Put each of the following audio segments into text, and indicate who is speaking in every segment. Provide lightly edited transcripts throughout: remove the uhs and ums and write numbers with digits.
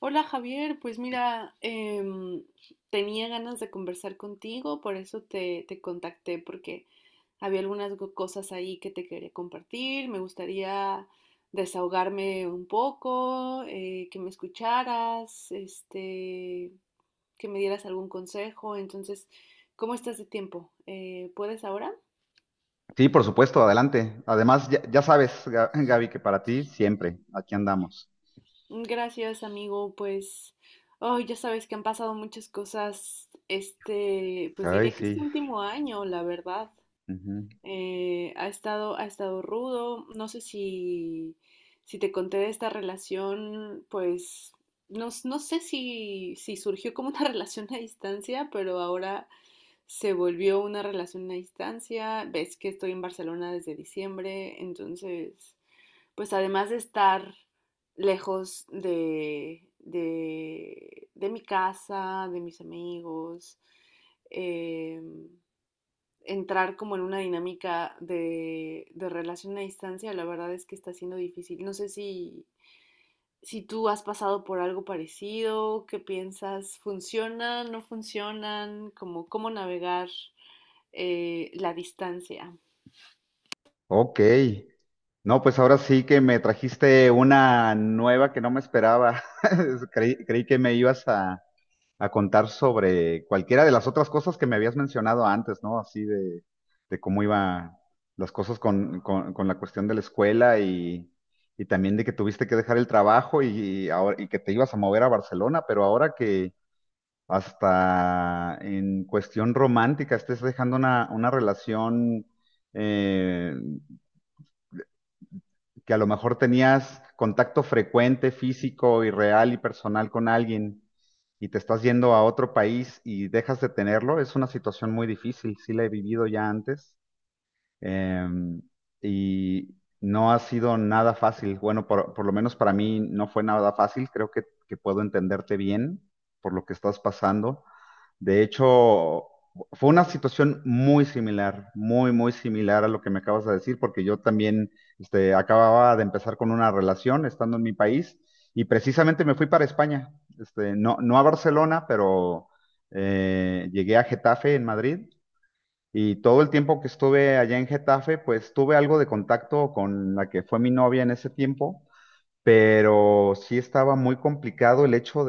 Speaker 1: Hola Javier, pues mira, tenía ganas de conversar contigo, por eso te contacté, porque había algunas cosas ahí que te quería compartir, me gustaría desahogarme un poco, que me escucharas, que me dieras algún consejo, entonces, ¿cómo estás de tiempo? ¿Puedes ahora?
Speaker 2: Sí, por supuesto, adelante. Además, ya sabes, Gaby, que para ti siempre, aquí andamos.
Speaker 1: Gracias, amigo. Pues, oh, ya sabes que han pasado muchas cosas este, pues
Speaker 2: Ay,
Speaker 1: diría que este
Speaker 2: sí.
Speaker 1: último año, la verdad.
Speaker 2: Ujú.
Speaker 1: Ha estado rudo. No sé si te conté de esta relación, pues, no, no sé si surgió como una relación a distancia, pero ahora se volvió una relación a distancia. Ves que estoy en Barcelona desde diciembre, entonces pues además de estar lejos de mi casa, de mis amigos, eh, entrar como en una dinámica de relación a distancia, la verdad es que está siendo difícil. No sé si, si tú has pasado por algo parecido, qué piensas, funcionan, no funcionan, como cómo navegar la distancia.
Speaker 2: Ok. No, pues ahora sí que me trajiste una nueva que no me esperaba. Creí que me ibas a contar sobre cualquiera de las otras cosas que me habías mencionado antes, ¿no? Así de cómo iban las cosas con la cuestión de la escuela y también de que tuviste que dejar el trabajo y, ahora, y que te ibas a mover a Barcelona, pero ahora que hasta en cuestión romántica, estés dejando una relación eh, que a lo mejor tenías contacto frecuente, físico y real y personal con alguien y te estás yendo a otro país y dejas de tenerlo, es una situación muy difícil, sí la he vivido ya antes eh, y no ha sido nada fácil. Bueno, por lo menos para mí no fue nada fácil, creo que puedo entenderte bien por lo que estás pasando. De hecho, fue una situación muy similar, muy, muy similar a lo que me acabas de decir, porque yo también acababa de empezar con una relación estando en mi país y precisamente me fui para España. No, no a Barcelona, pero llegué a Getafe en Madrid y todo el tiempo que estuve allá en Getafe, pues tuve algo de contacto con la que fue mi novia en ese tiempo, pero sí estaba muy complicado el hecho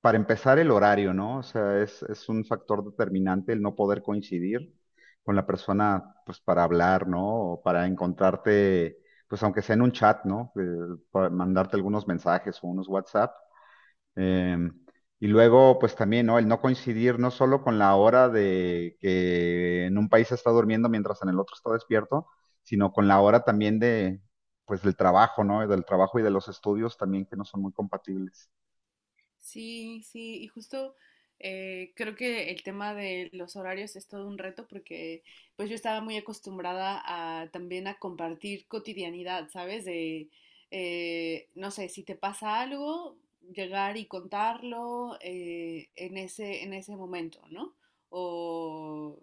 Speaker 2: para empezar, el horario, ¿no? O sea, es un factor determinante el no poder coincidir con la persona, pues, para hablar, ¿no? O para encontrarte, pues, aunque sea en un chat, ¿no? Para mandarte algunos mensajes o unos WhatsApp. Em, y luego, pues, también, ¿no? El no coincidir no solo con la hora de que en un país está durmiendo mientras en el otro está despierto, sino con la hora también de, pues, del trabajo, ¿no? Del trabajo y de los estudios también que no son muy compatibles.
Speaker 1: Sí, sí, y justo creo que el tema de los horarios es todo un reto porque pues yo estaba muy acostumbrada a también a compartir cotidianidad, ¿sabes? De, no sé, si te pasa algo, llegar y contarlo en ese momento, ¿no? O,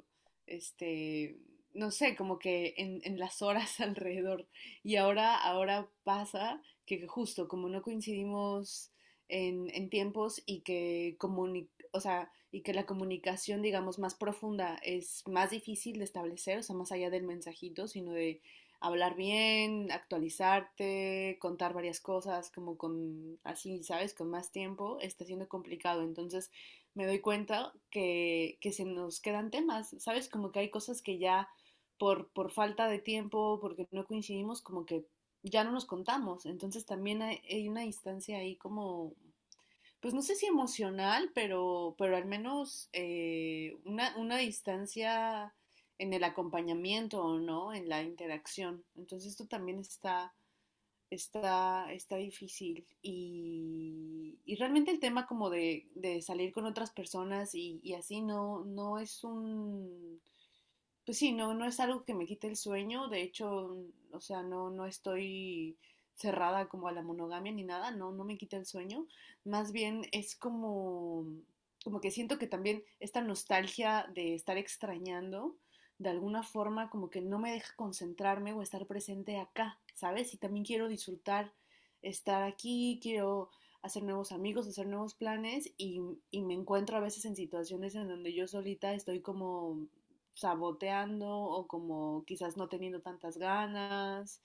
Speaker 1: este, no sé, como que en las horas alrededor. Y ahora pasa que justo como no coincidimos en tiempos y que, comuni o sea, y que la comunicación, digamos, más profunda es más difícil de establecer, o sea, más allá del mensajito, sino de hablar bien, actualizarte, contar varias cosas, como con, así, ¿sabes? Con más tiempo, está siendo complicado. Entonces, me doy cuenta que se nos quedan temas, ¿sabes? Como que hay cosas que ya por falta de tiempo, porque no coincidimos, como que ya no nos contamos. Entonces, también hay una distancia ahí como pues no sé si emocional, pero al menos una distancia en el acompañamiento o no, en la interacción. Entonces esto también está difícil. Y realmente el tema como de salir con otras personas y así no, no es un pues sí, no, no es algo que me quite el sueño, de hecho, o sea, no, no estoy cerrada como a la monogamia ni nada, no, no me quita el sueño, más bien es como, como que siento que también esta nostalgia de estar extrañando, de alguna forma como que no me deja concentrarme o estar presente acá, ¿sabes? Y también quiero disfrutar estar aquí, quiero hacer nuevos amigos, hacer nuevos planes y me encuentro a veces en situaciones en donde yo solita estoy como saboteando o como quizás no teniendo tantas ganas.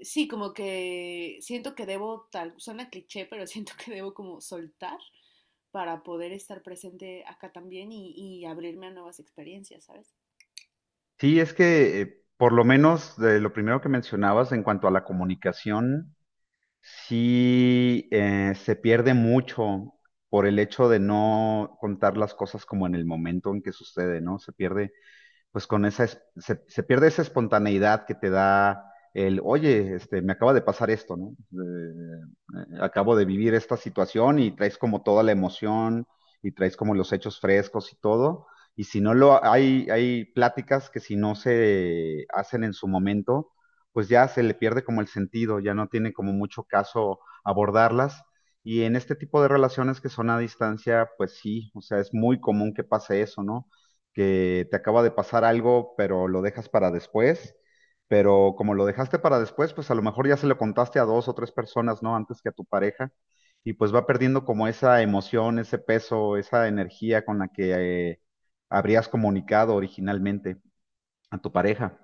Speaker 1: Sí, como que siento que debo, tal, suena cliché, pero siento que debo como soltar para poder estar presente acá también y abrirme a nuevas experiencias, ¿sabes?
Speaker 2: Sí, es que por lo menos de lo primero que mencionabas en cuanto a la comunicación, sí se pierde mucho por el hecho de no contar las cosas como en el momento en que sucede, ¿no? Se pierde pues con esa, se pierde esa espontaneidad que te da el, oye, me acaba de pasar esto, ¿no? Acabo de vivir esta situación y traes como toda la emoción y traes como los hechos frescos y todo. Y si no hay pláticas que si no se hacen en su momento, pues ya se le pierde como el sentido, ya no tiene como mucho caso abordarlas. Y en este tipo de relaciones que son a distancia, pues sí, o sea, es muy común que pase eso, ¿no? Que te acaba de pasar algo, pero lo dejas para después. Pero como lo dejaste para después, pues a lo mejor ya se lo contaste a dos o tres personas, ¿no? Antes que a tu pareja. Y pues va perdiendo como esa emoción, ese peso, esa energía con la que habrías comunicado originalmente a tu pareja.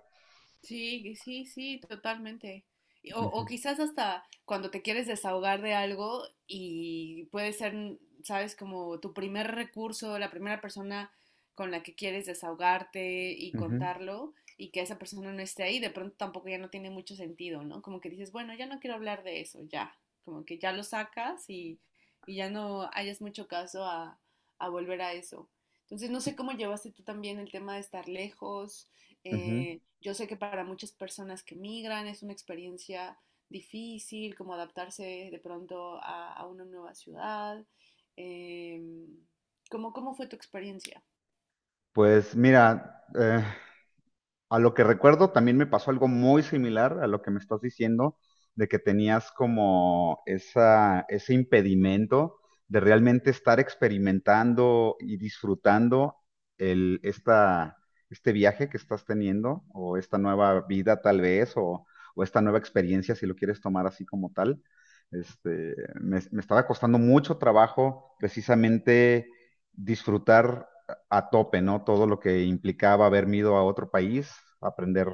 Speaker 1: Sí, sí, sí, totalmente. Y- O, o
Speaker 2: Ujú,
Speaker 1: quizás hasta cuando te quieres desahogar de algo y puede ser, mm, sabes, como tu primer recurso, la primera persona con la que quieres desahogarte y
Speaker 2: ujú,
Speaker 1: contarlo y que esa persona no esté ahí, de pronto tampoco ya no tiene mucho sentido, ¿no? Como que dices, bueno, ya no quiero hablar de eso, ya, como que ya lo sacas y ya no hayas mucho caso a volver a eso. Entonces, no sé cómo llevaste tú también el tema de estar lejos
Speaker 2: ujú.
Speaker 1: yo sé que para muchas personas que migran es una experiencia difícil, como adaptarse de pronto a una nueva ciudad. Eh, ¿Cómo fue tu experiencia?
Speaker 2: Pues mira, a lo que recuerdo, también me pasó algo muy similar a lo que me estás diciendo, de que tenías como ese impedimento de realmente estar experimentando y disfrutando el, esta, este viaje que estás teniendo, o esta nueva vida tal vez, o, esta nueva experiencia, si lo quieres tomar así como tal. Este, me estaba costando mucho trabajo precisamente disfrutar a tope, ¿no? Todo lo que implicaba haberme ido a otro país, aprender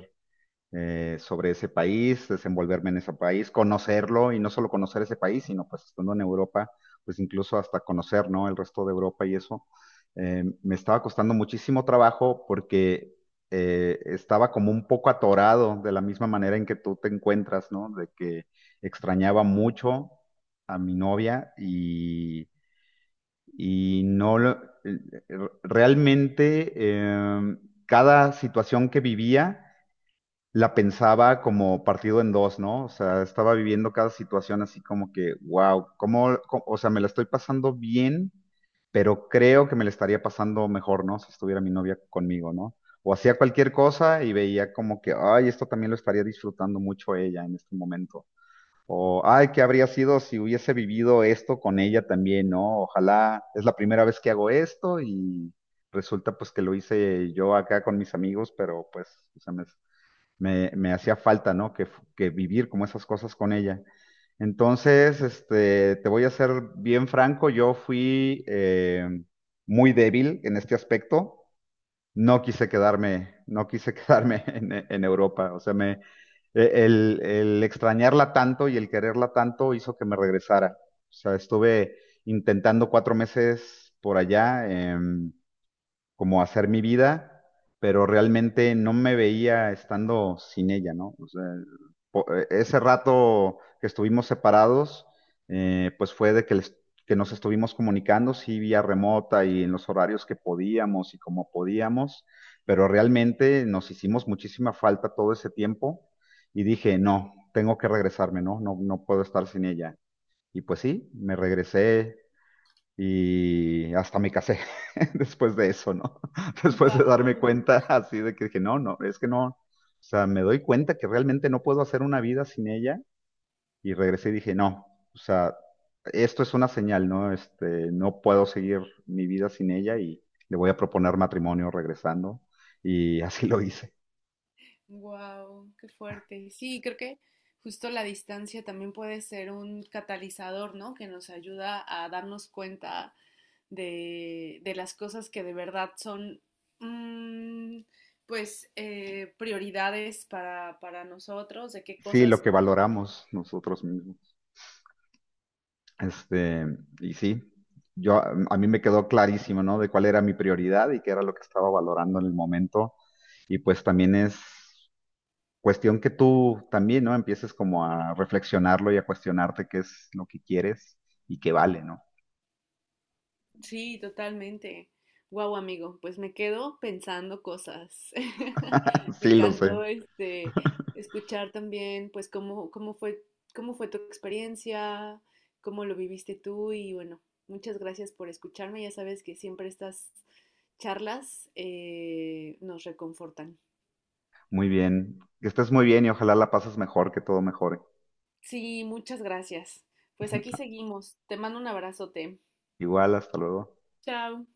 Speaker 2: sobre ese país, desenvolverme en ese país, conocerlo y no solo conocer ese país, sino pues estando en Europa, pues incluso hasta conocer, ¿no? El resto de Europa y eso. Me estaba costando muchísimo trabajo porque estaba como un poco atorado de la misma manera en que tú te encuentras, ¿no? De que extrañaba mucho a mi novia y no, realmente cada situación que vivía la pensaba como partido en dos, ¿no? O sea, estaba viviendo cada situación así como que, wow, o sea, me la estoy pasando bien, pero creo que me la estaría pasando mejor, ¿no? Si estuviera mi novia conmigo, ¿no? O hacía cualquier cosa y veía como que, ay, esto también lo estaría disfrutando mucho ella en este momento. O, ay, ¿qué habría sido si hubiese vivido esto con ella también, no? Ojalá es la primera vez que hago esto y resulta pues que lo hice yo acá con mis amigos, pero pues o sea, me hacía falta, ¿no? Que vivir como esas cosas con ella. Entonces, te voy a ser bien franco, yo fui muy débil en este aspecto, no quise quedarme en Europa. O sea, el extrañarla tanto y el quererla tanto hizo que me regresara. O sea, estuve intentando 4 meses por allá. Como hacer mi vida, pero realmente no me veía estando sin ella, ¿no? O sea, ese rato que estuvimos separados, pues fue de que, que nos estuvimos comunicando, sí, vía remota y en los horarios que podíamos y como podíamos, pero realmente nos hicimos muchísima falta todo ese tiempo y dije, no, tengo que regresarme, ¿no? No, no puedo estar sin ella. Y pues sí, me regresé y hasta me casé después de eso, ¿no? Después de darme
Speaker 1: Wow,
Speaker 2: cuenta así de que dije, no, no, es que no. O sea, me doy cuenta que realmente no puedo hacer una vida sin ella. Y regresé y dije, no, o sea, esto es una señal, ¿no? No puedo seguir mi vida sin ella y le voy a proponer matrimonio regresando. Y así lo hice.
Speaker 1: Wow, qué fuerte. Sí, creo que justo la distancia también puede ser un catalizador, ¿no? Que nos ayuda a darnos cuenta de las cosas que de verdad son, mm, pues, prioridades para nosotros, de qué
Speaker 2: Sí, lo
Speaker 1: cosas.
Speaker 2: que valoramos nosotros mismos. Este, y sí, yo a mí me quedó clarísimo, ¿no? De cuál era mi prioridad y qué era lo que estaba valorando en el momento. Y pues también es cuestión que tú también, ¿no? Empieces como a reflexionarlo y a cuestionarte qué es lo que quieres y qué vale, ¿no?
Speaker 1: Sí, totalmente. Guau, amigo, pues me quedo pensando cosas. Me
Speaker 2: Sí, lo sé.
Speaker 1: encantó este escuchar también pues cómo fue tu experiencia, cómo lo viviste tú y bueno, muchas gracias por escucharme. Ya sabes que siempre estas charlas nos reconfortan.
Speaker 2: Muy bien. Que estés muy bien y ojalá la pases mejor, que todo mejore.
Speaker 1: Sí, muchas gracias. Pues aquí seguimos. Te mando un abrazote.
Speaker 2: Igual, hasta luego.
Speaker 1: Chao.